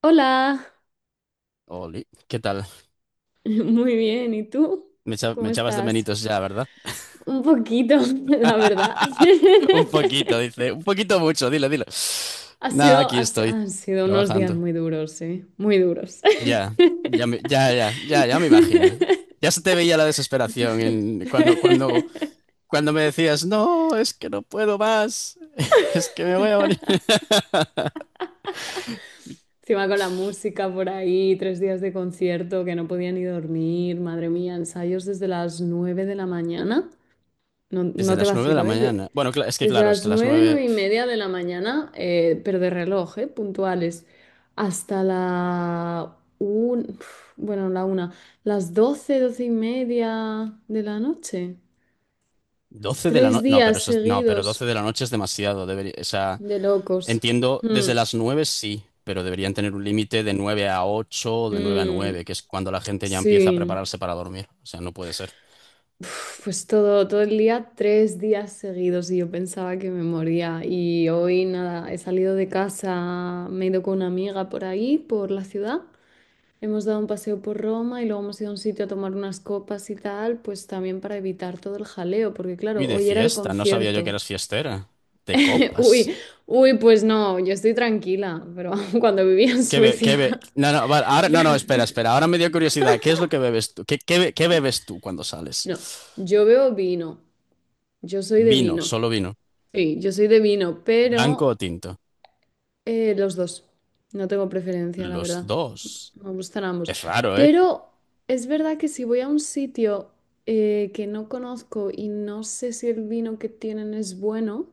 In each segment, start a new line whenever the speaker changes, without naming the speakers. Hola,
Oli, ¿qué tal?
muy bien. ¿Y tú?
Me
¿Cómo
echabas de
estás?
menitos ya, ¿verdad?
Un poquito, la verdad.
Un poquito, dice. Un poquito mucho, dilo, dilo.
Ha
Nada,
sido,
aquí
ha si-
estoy,
han sido unos días
trabajando.
muy duros, sí, muy duros.
Ya, ya, me imagino. Ya se te veía la desesperación cuando me decías, no, es que no puedo más, es que me voy a morir.
Encima con la música por ahí, 3 días de concierto que no podía ni dormir, madre mía, ensayos desde las 9 de la mañana. No,
Desde
no te
las 9 de la
vacilo, ¿eh?
mañana. Bueno, es que
Desde
claro, es que
las
las
9,
9,
9:30 de la mañana, pero de reloj, ¿eh? Puntuales, hasta uf, bueno, la 1, las 12, 12:30 de la noche.
12 de la
Tres
noche. No, pero
días
eso, no, pero
seguidos
12 de la noche es demasiado. Debería.
de locos.
Entiendo, desde
Mm,
las 9 sí, pero deberían tener un límite de 9 a 8, de 9 a
mm,
9, que es cuando la gente ya empieza a
sí.
prepararse para dormir. O sea, no puede ser.
Uf, pues todo, todo el día, 3 días seguidos y yo pensaba que me moría. Y hoy nada, he salido de casa, me he ido con una amiga por ahí, por la ciudad. Hemos dado un paseo por Roma y luego hemos ido a un sitio a tomar unas copas y tal, pues también para evitar todo el jaleo, porque
Uy,
claro,
de
hoy era el
fiesta, no sabía yo que
concierto.
eras fiestera. De
Uy,
copas.
uy, pues no, yo estoy tranquila, pero cuando vivía en Suecia,
No, no, vale, ahora, no, no,
yo-
espera, espera. Ahora me dio curiosidad. ¿Qué es lo que bebes tú? ¿Qué bebes tú cuando sales?
no, yo veo vino, yo soy de
Vino,
vino.
solo vino.
Sí, yo soy de vino,
¿Blanco
pero
o tinto?
eh, los dos. No tengo preferencia, la
Los
verdad.
dos.
Me gustan ambos.
Es raro, ¿eh?
Pero es verdad que si voy a un sitio que no conozco y no sé si el vino que tienen es bueno,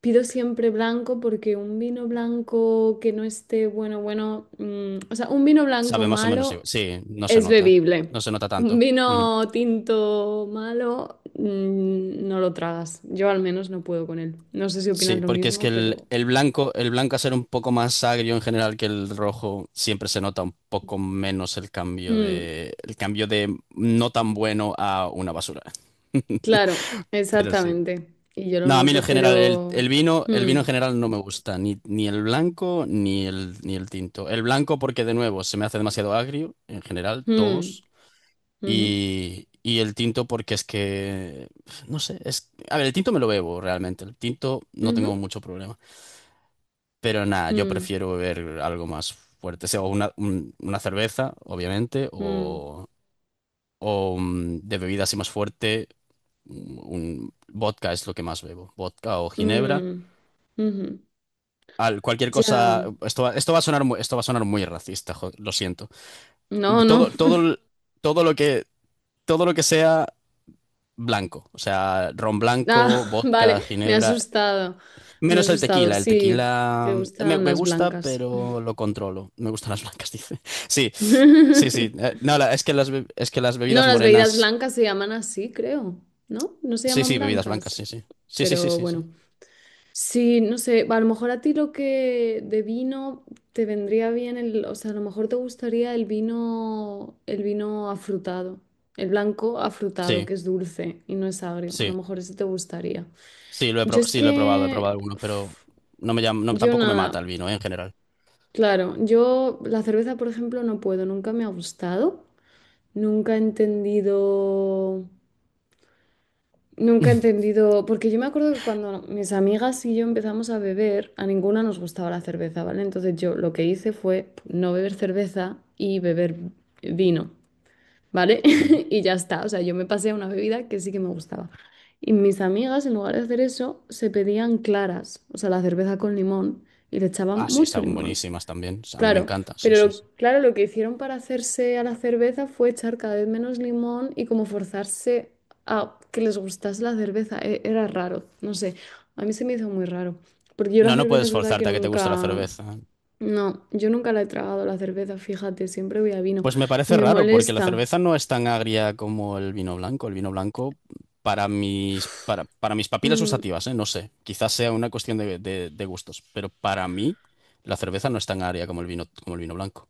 pido siempre blanco porque un vino blanco que no esté bueno, bueno, mm, o sea, un vino blanco
Sabe más o menos
malo
igual. Sí, no se
es
nota.
bebible.
No se nota
Un
tanto.
vino tinto malo, mm, no lo tragas. Yo al menos no puedo con él. No sé si opinas
Sí,
lo
porque es que
mismo,
el,
pero.
el blanco, el blanco, a ser un poco más agrio en general que el rojo, siempre se nota un poco menos el cambio
Mm.
de, el cambio de no tan bueno a una basura.
Claro,
Pero sí.
exactamente. Y yo lo
No, a mí en
noto,
general, el,
pero.
el vino, el
Hmm,
vino en general no me gusta, ni el blanco ni el tinto. El blanco porque de nuevo se me hace demasiado agrio, en general,
hmm,
todos.
ujú,
Y el tinto porque es que, no sé, es, a ver, el tinto me lo bebo realmente, el tinto no
ujú,
tengo mucho problema. Pero nada, yo
hmm,
prefiero beber algo más fuerte, sea una cerveza, obviamente,
hmm,
o de bebida así más fuerte, un vodka es lo que más bebo, vodka o ginebra.
hmm, ujú.
Cualquier
Ya.
cosa, esto va a sonar muy, esto va a sonar muy racista, lo siento.
No, no.
Todo, todo, el- todo lo que, todo lo que sea blanco, o sea, ron blanco,
Ah,
vodka,
vale, me ha
ginebra,
asustado. Me ha
menos el
asustado.
tequila. El
Sí,
tequila
te
me,
gustan
me
las
gusta,
blancas.
pero lo controlo. Me gustan las blancas, dice. Sí, sí, sí. No, es que es que las
No,
bebidas
las bebidas
morenas.
blancas se llaman así, creo. ¿No? No se
Sí,
llaman
sí, bebidas blancas,
blancas.
sí, sí. Sí, sí, sí,
Pero
sí, sí.
bueno. Sí, no sé, a lo mejor a ti lo que de vino te vendría bien el, o sea, a lo mejor te gustaría el vino afrutado, el blanco afrutado,
Sí,
que es dulce y no es agrio. A lo
sí.
mejor ese te gustaría.
Sí, lo he
Yo
probado,
es
sí, lo he probado, he
que,
probado alguno, pero
uf,
no me llama, no,
yo
tampoco me mata
nada,
el vino, en general.
claro, yo la cerveza, por ejemplo, no puedo, nunca me ha gustado, nunca he entendido. Nunca he entendido, porque yo me acuerdo que cuando mis amigas y yo empezamos a beber, a ninguna nos gustaba la cerveza, ¿vale? Entonces yo lo que hice fue no beber cerveza y beber vino, ¿vale?
Ujú.
Y ya está, o sea, yo me pasé a una bebida que sí que me gustaba. Y mis amigas, en lugar de hacer eso, se pedían claras, o sea, la cerveza con limón, y le echaban
Ah, sí,
mucho
están
limón.
buenísimas también. A mí me
Claro,
encanta, sí,
pero
sí, sí.
claro, lo que hicieron para hacerse a la cerveza fue echar cada vez menos limón y como forzarse a que les gustase la cerveza. Era raro, no sé. A mí se me hizo muy raro. Porque yo la
No, no
cerveza
puedes
es verdad que
forzarte a que te guste la
nunca.
cerveza.
No, yo nunca la he tragado la cerveza, fíjate, siempre voy a vino.
Pues me
Y
parece
me
raro, porque la
molesta.
cerveza no es tan agria como el vino blanco. El vino blanco, para mis papilas
Mm,
gustativas, ¿eh? No sé, quizás sea una cuestión de gustos, pero para mí la cerveza no es tan agria como el vino, blanco.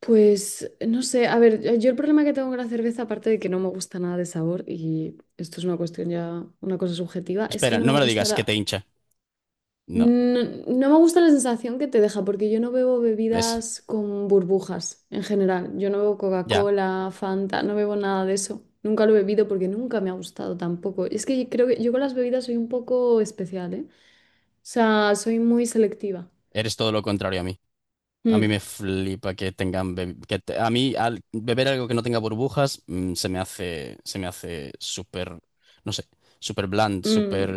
pues no sé, a ver, yo el problema que tengo con la cerveza, aparte de que no me gusta nada de sabor, y esto es una cuestión ya, una cosa subjetiva, es que
Espera,
no
no
me
me lo
gusta
digas, que te
la.
hincha. No,
No, no me gusta la sensación que te deja, porque yo no bebo
ves,
bebidas con burbujas en general. Yo no bebo
ya,
Coca-Cola, Fanta, no bebo nada de eso. Nunca lo he bebido porque nunca me ha gustado tampoco. Es que creo que yo con las bebidas soy un poco especial, ¿eh? O sea, soy muy selectiva.
eres todo lo contrario a mí. A mí
Mm,
me flipa que tengan. A mí, al beber algo que no tenga burbujas, se me hace súper, no sé, súper bland,
mm.
súper.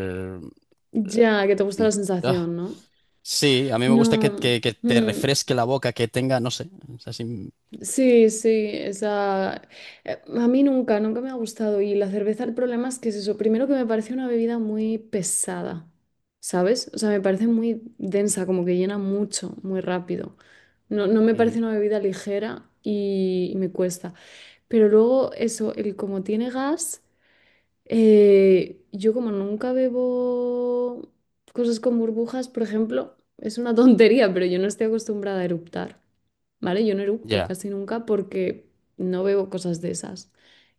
eh,
Ya, que te gusta la
ah,
sensación, ¿no?
Sí, a mí me gusta que,
No.
que- que te
Mm.
refresque la boca, que tenga, no sé, es así.
Sí, sí, esa, a mí nunca, nunca me ha gustado. Y la cerveza, el problema es que es eso. Primero que me parece una bebida muy pesada, ¿sabes? O sea, me parece muy densa, como que llena mucho, muy rápido. No, no me
Ujú.
parece una bebida ligera y me cuesta. Pero luego eso, el como tiene gas, yo como nunca bebo cosas con burbujas, por ejemplo, es una tontería, pero yo no estoy acostumbrada a eructar. ¿Vale? Yo no eructo
Ya.
casi nunca porque no bebo cosas de esas.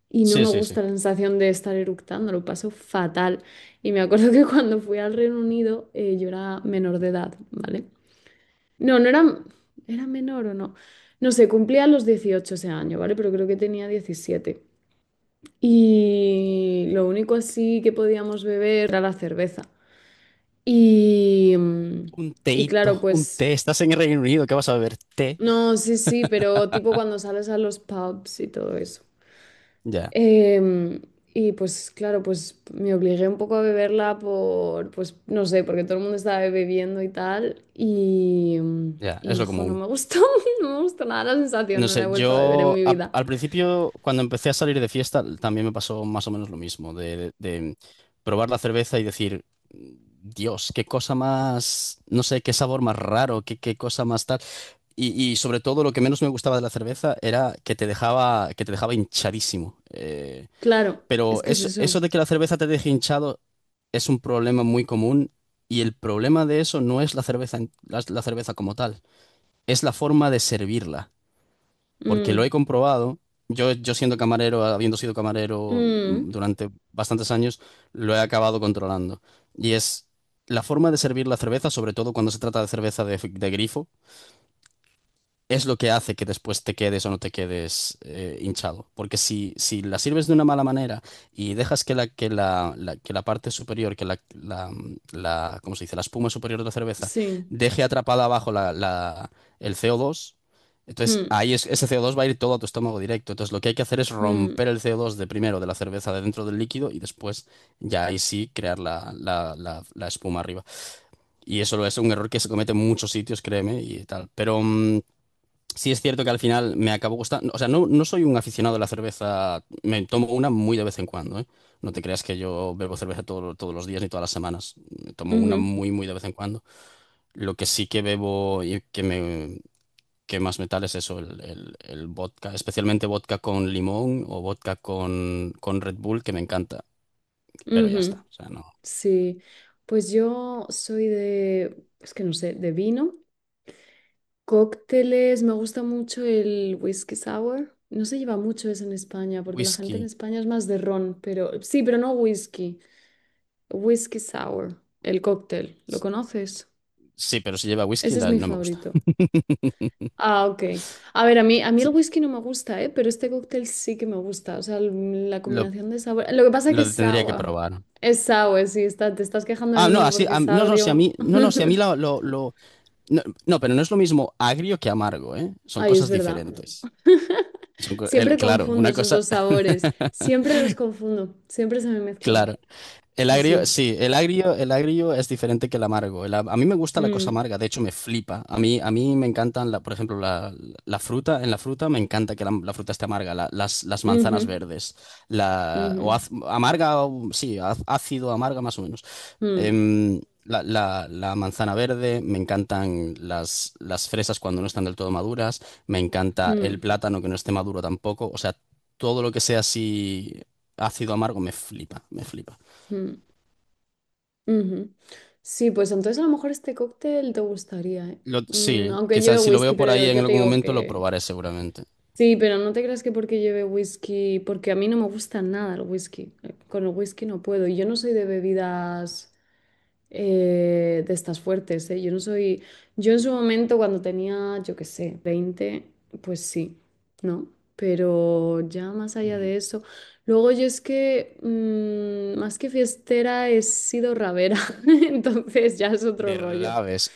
Y no
Sí,
me
sí, sí.
gusta la sensación de estar eructando, lo paso fatal. Y me acuerdo que cuando fui al Reino Unido, yo era menor de edad, ¿vale? No, no era, menor o no. No sé, cumplía los 18 ese año, ¿vale? Pero creo que tenía 17. Y lo único así que podíamos beber era la cerveza. Y, mm,
Un
y
teíto,
claro,
un
pues,
té. Estás en el Reino Unido, ¿qué vas a beber? Té.
no, sí, sí, pero tipo cuando sales a los pubs y todo eso.
Ya,
Em, y pues claro, pues me obligué un poco a beberla por, pues no sé, porque todo el mundo estaba bebiendo y tal. Y, em,
ya,
y
es
no,
lo
jo, no
común.
me gustó, no me gustó nada la sensación,
No
no la he
sé,
vuelto a beber en mi vida.
al principio, cuando empecé a salir de fiesta, también me pasó más o menos lo mismo, de probar la cerveza y decir, Dios, qué cosa más, no sé, qué sabor más raro, qué cosa más tal. Y sobre todo lo que menos me gustaba de la cerveza era que te dejaba, hinchadísimo.
Claro,
Pero
es que es
eso,
eso.
eso de que la cerveza te deje hinchado es un problema muy común, y el problema de eso no es la cerveza, la cerveza como tal, es la forma de servirla porque lo he
Mm,
comprobado. Yo siendo camarero, habiendo sido camarero
mm,
durante bastantes años, lo he acabado controlando. Y es la forma de servir la cerveza, sobre todo cuando se trata de cerveza de grifo, es lo que hace que después te quedes o no te quedes hinchado. Porque si la sirves de una mala manera y dejas que la parte superior, que la- ¿cómo se dice? La espuma superior de la cerveza
sí.
deje atrapada abajo el CO2, entonces
Mm,
ahí ese CO2 va a ir todo a tu estómago directo. Entonces lo que hay que hacer es
mm,
romper el CO2 de primero de la cerveza de dentro del líquido, y después ya ahí sí crear la espuma arriba. Y eso es un error que se comete en muchos sitios, créeme, y tal. Pero sí, es cierto que al final me acabo gustando. O sea, no, no soy un aficionado a la cerveza. Me tomo una muy de vez en cuando, ¿eh? No te creas que yo bebo cerveza todos los días ni todas las semanas. Me tomo una
ujú,
muy, muy de vez en cuando. Lo que sí que bebo y que más me tal es eso, el vodka, especialmente vodka con limón o vodka con Red Bull, que me encanta. Pero ya
ujú,
está. O sea, no.
sí. Pues yo soy de, es que no sé, de vino. Cócteles, me gusta mucho el whisky sour. No se lleva mucho eso en España, porque la gente en
Whisky.
España es más de ron, pero sí, pero no whisky. Whisky sour, el cóctel, ¿lo conoces?
Sí, pero si lleva whisky,
Ese es
no
mi
no me gusta.
favorito. Ah, ok. A ver, a mí
Sí,
el whisky no me gusta, ¿eh? Pero este cóctel sí que me gusta. O sea, la
lo,
combinación de sabor. Lo que pasa es que
lo
es
tendría que
sour.
probar.
Es sour, sí, está, te estás quejando
Ah,
del
no,
vino
así,
porque es
no, no, si a mí,
agrio.
no, no, si a mí no, no, pero no es lo mismo agrio que amargo, ¿eh? Son
Ay, es
cosas
verdad.
diferentes. Son,
Siempre
claro,
confundo
una
esos
cosa,
dos sabores. Siempre los confundo. Siempre se me mezclan.
claro. El
Sí,
agrio,
sí.
sí, el agrio es diferente que el amargo. El a mí me gusta la cosa
Mm,
amarga, de hecho me flipa. A mí me encantan, por ejemplo, la fruta, en la fruta me encanta que la fruta esté amarga, las
ujú,
manzanas verdes,
ujú,
amarga, sí, ácido, amarga más o menos.
mm,
La manzana verde, me encantan las fresas cuando no están del todo maduras, me encanta el
mm,
plátano que no esté maduro tampoco, o sea, todo lo que sea así ácido amargo me flipa, me flipa.
mm, ujú. Sí, pues entonces a lo mejor este cóctel te gustaría, ¿eh?
Sí,
Aunque lleve
quizás si lo veo
whisky,
por
pero
ahí
yo
en
ya te
algún
digo
momento lo
que.
probaré seguramente.
Sí, pero no te creas que porque lleve whisky, porque a mí no me gusta nada el whisky. Con el whisky no puedo. Y yo no soy de bebidas, de estas fuertes, ¿eh? Yo no soy, yo en su momento cuando tenía, yo qué sé, 20, pues sí, ¿no? Pero ya más allá
Ujú.
de eso, luego yo es que, más que fiestera he sido rabera, entonces ya es otro
De
rollo.
rabes,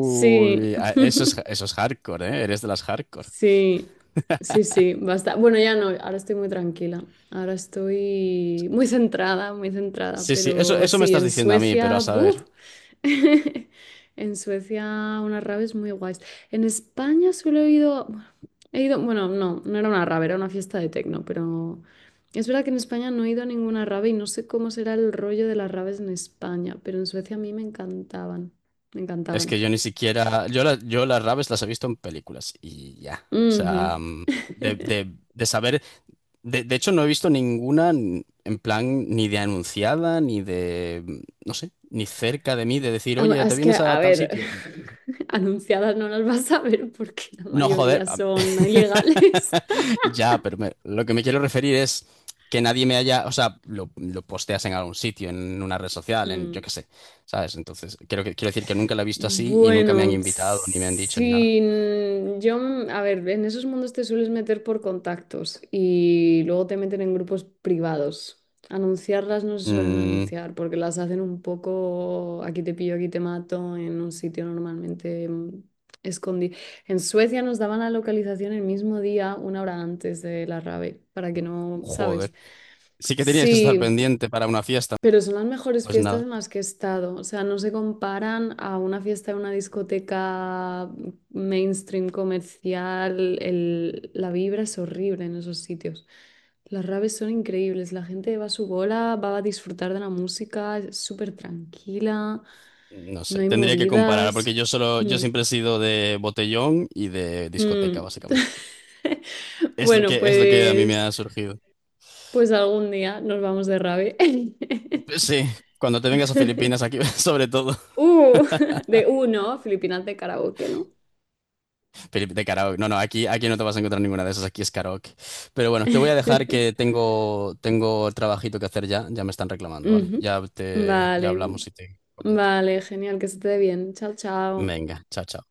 Sí,
eso es hardcore, ¿eh? Eres de las hardcore.
sí, sí, sí, basta. Bueno, ya no, ahora estoy muy tranquila. Ahora estoy muy centrada, muy centrada.
Sí, sí, eso,
Pero
eso me
sí,
estás
en
diciendo a mí, pero a
Suecia,
saber.
¡buf! En Suecia, unas raves muy guays. En España solo he ido, bueno, he ido, bueno, no, no era una rave, era una fiesta de tecno, pero es verdad que en España no he ido a ninguna rave y no sé cómo será el rollo de las raves en España, pero en Suecia a mí me encantaban, me
Es
encantaban.
que yo ni siquiera. Yo las raves las he visto en películas y ya. O sea,
Ujú.
de, de- de saber. De hecho, no he visto ninguna en plan ni de anunciada, ni de. No sé, ni cerca de mí de decir, oye, ¿te
Es que,
vienes a
a
tal
ver,
sitio?
anunciadas no las vas a ver porque la
No, joder.
mayoría son ilegales.
Ya, pero lo que me quiero referir es que nadie me haya. O sea, lo posteas en algún sitio, en una red social, en yo
Mm.
qué sé, ¿sabes? Entonces, creo que, quiero decir que nunca la he visto así y nunca me han
Bueno,
invitado, ni me han dicho, ni nada.
sí, yo, a ver, en esos mundos te sueles meter por contactos y luego te meten en grupos privados. Anunciarlas no se suelen
Mm,
anunciar porque las hacen un poco aquí te pillo, aquí te mato, en un sitio normalmente escondido. En Suecia nos daban la localización el mismo día, 1 hora antes de la rave, para que no,
joder.
¿sabes?
Sí que tenías que estar
Sí,
pendiente para una fiesta.
pero son las mejores
Pues
fiestas
nada,
en las que he estado. O sea, no se comparan a una fiesta de una discoteca mainstream comercial. La vibra es horrible en esos sitios. Las raves son increíbles. La gente va a su bola, va a disfrutar de la música, es súper tranquila,
no
no
sé.
hay
Tendría que comparar porque
movidas.
yo solo, yo
Mm,
siempre he sido de botellón y de discoteca,
mm.
básicamente. Es lo
Bueno,
que, es lo que a mí me
pues,
ha surgido.
pues algún día nos vamos de rave.
Pues sí, cuando te vengas a Filipinas, aquí sobre todo.
Uh, de uno, Filipinas de karaoke, ¿no?
De karaoke. No, no, aquí, no te vas a encontrar ninguna de esas, aquí es karaoke. Pero bueno, te voy a dejar que tengo trabajito que hacer ya, ya me están reclamando, ¿vale?
Ujú.
Ya
Vale,
hablamos y te comento.
vale, genial, que se te dé bien. Chao, chao.
Venga, chao, chao.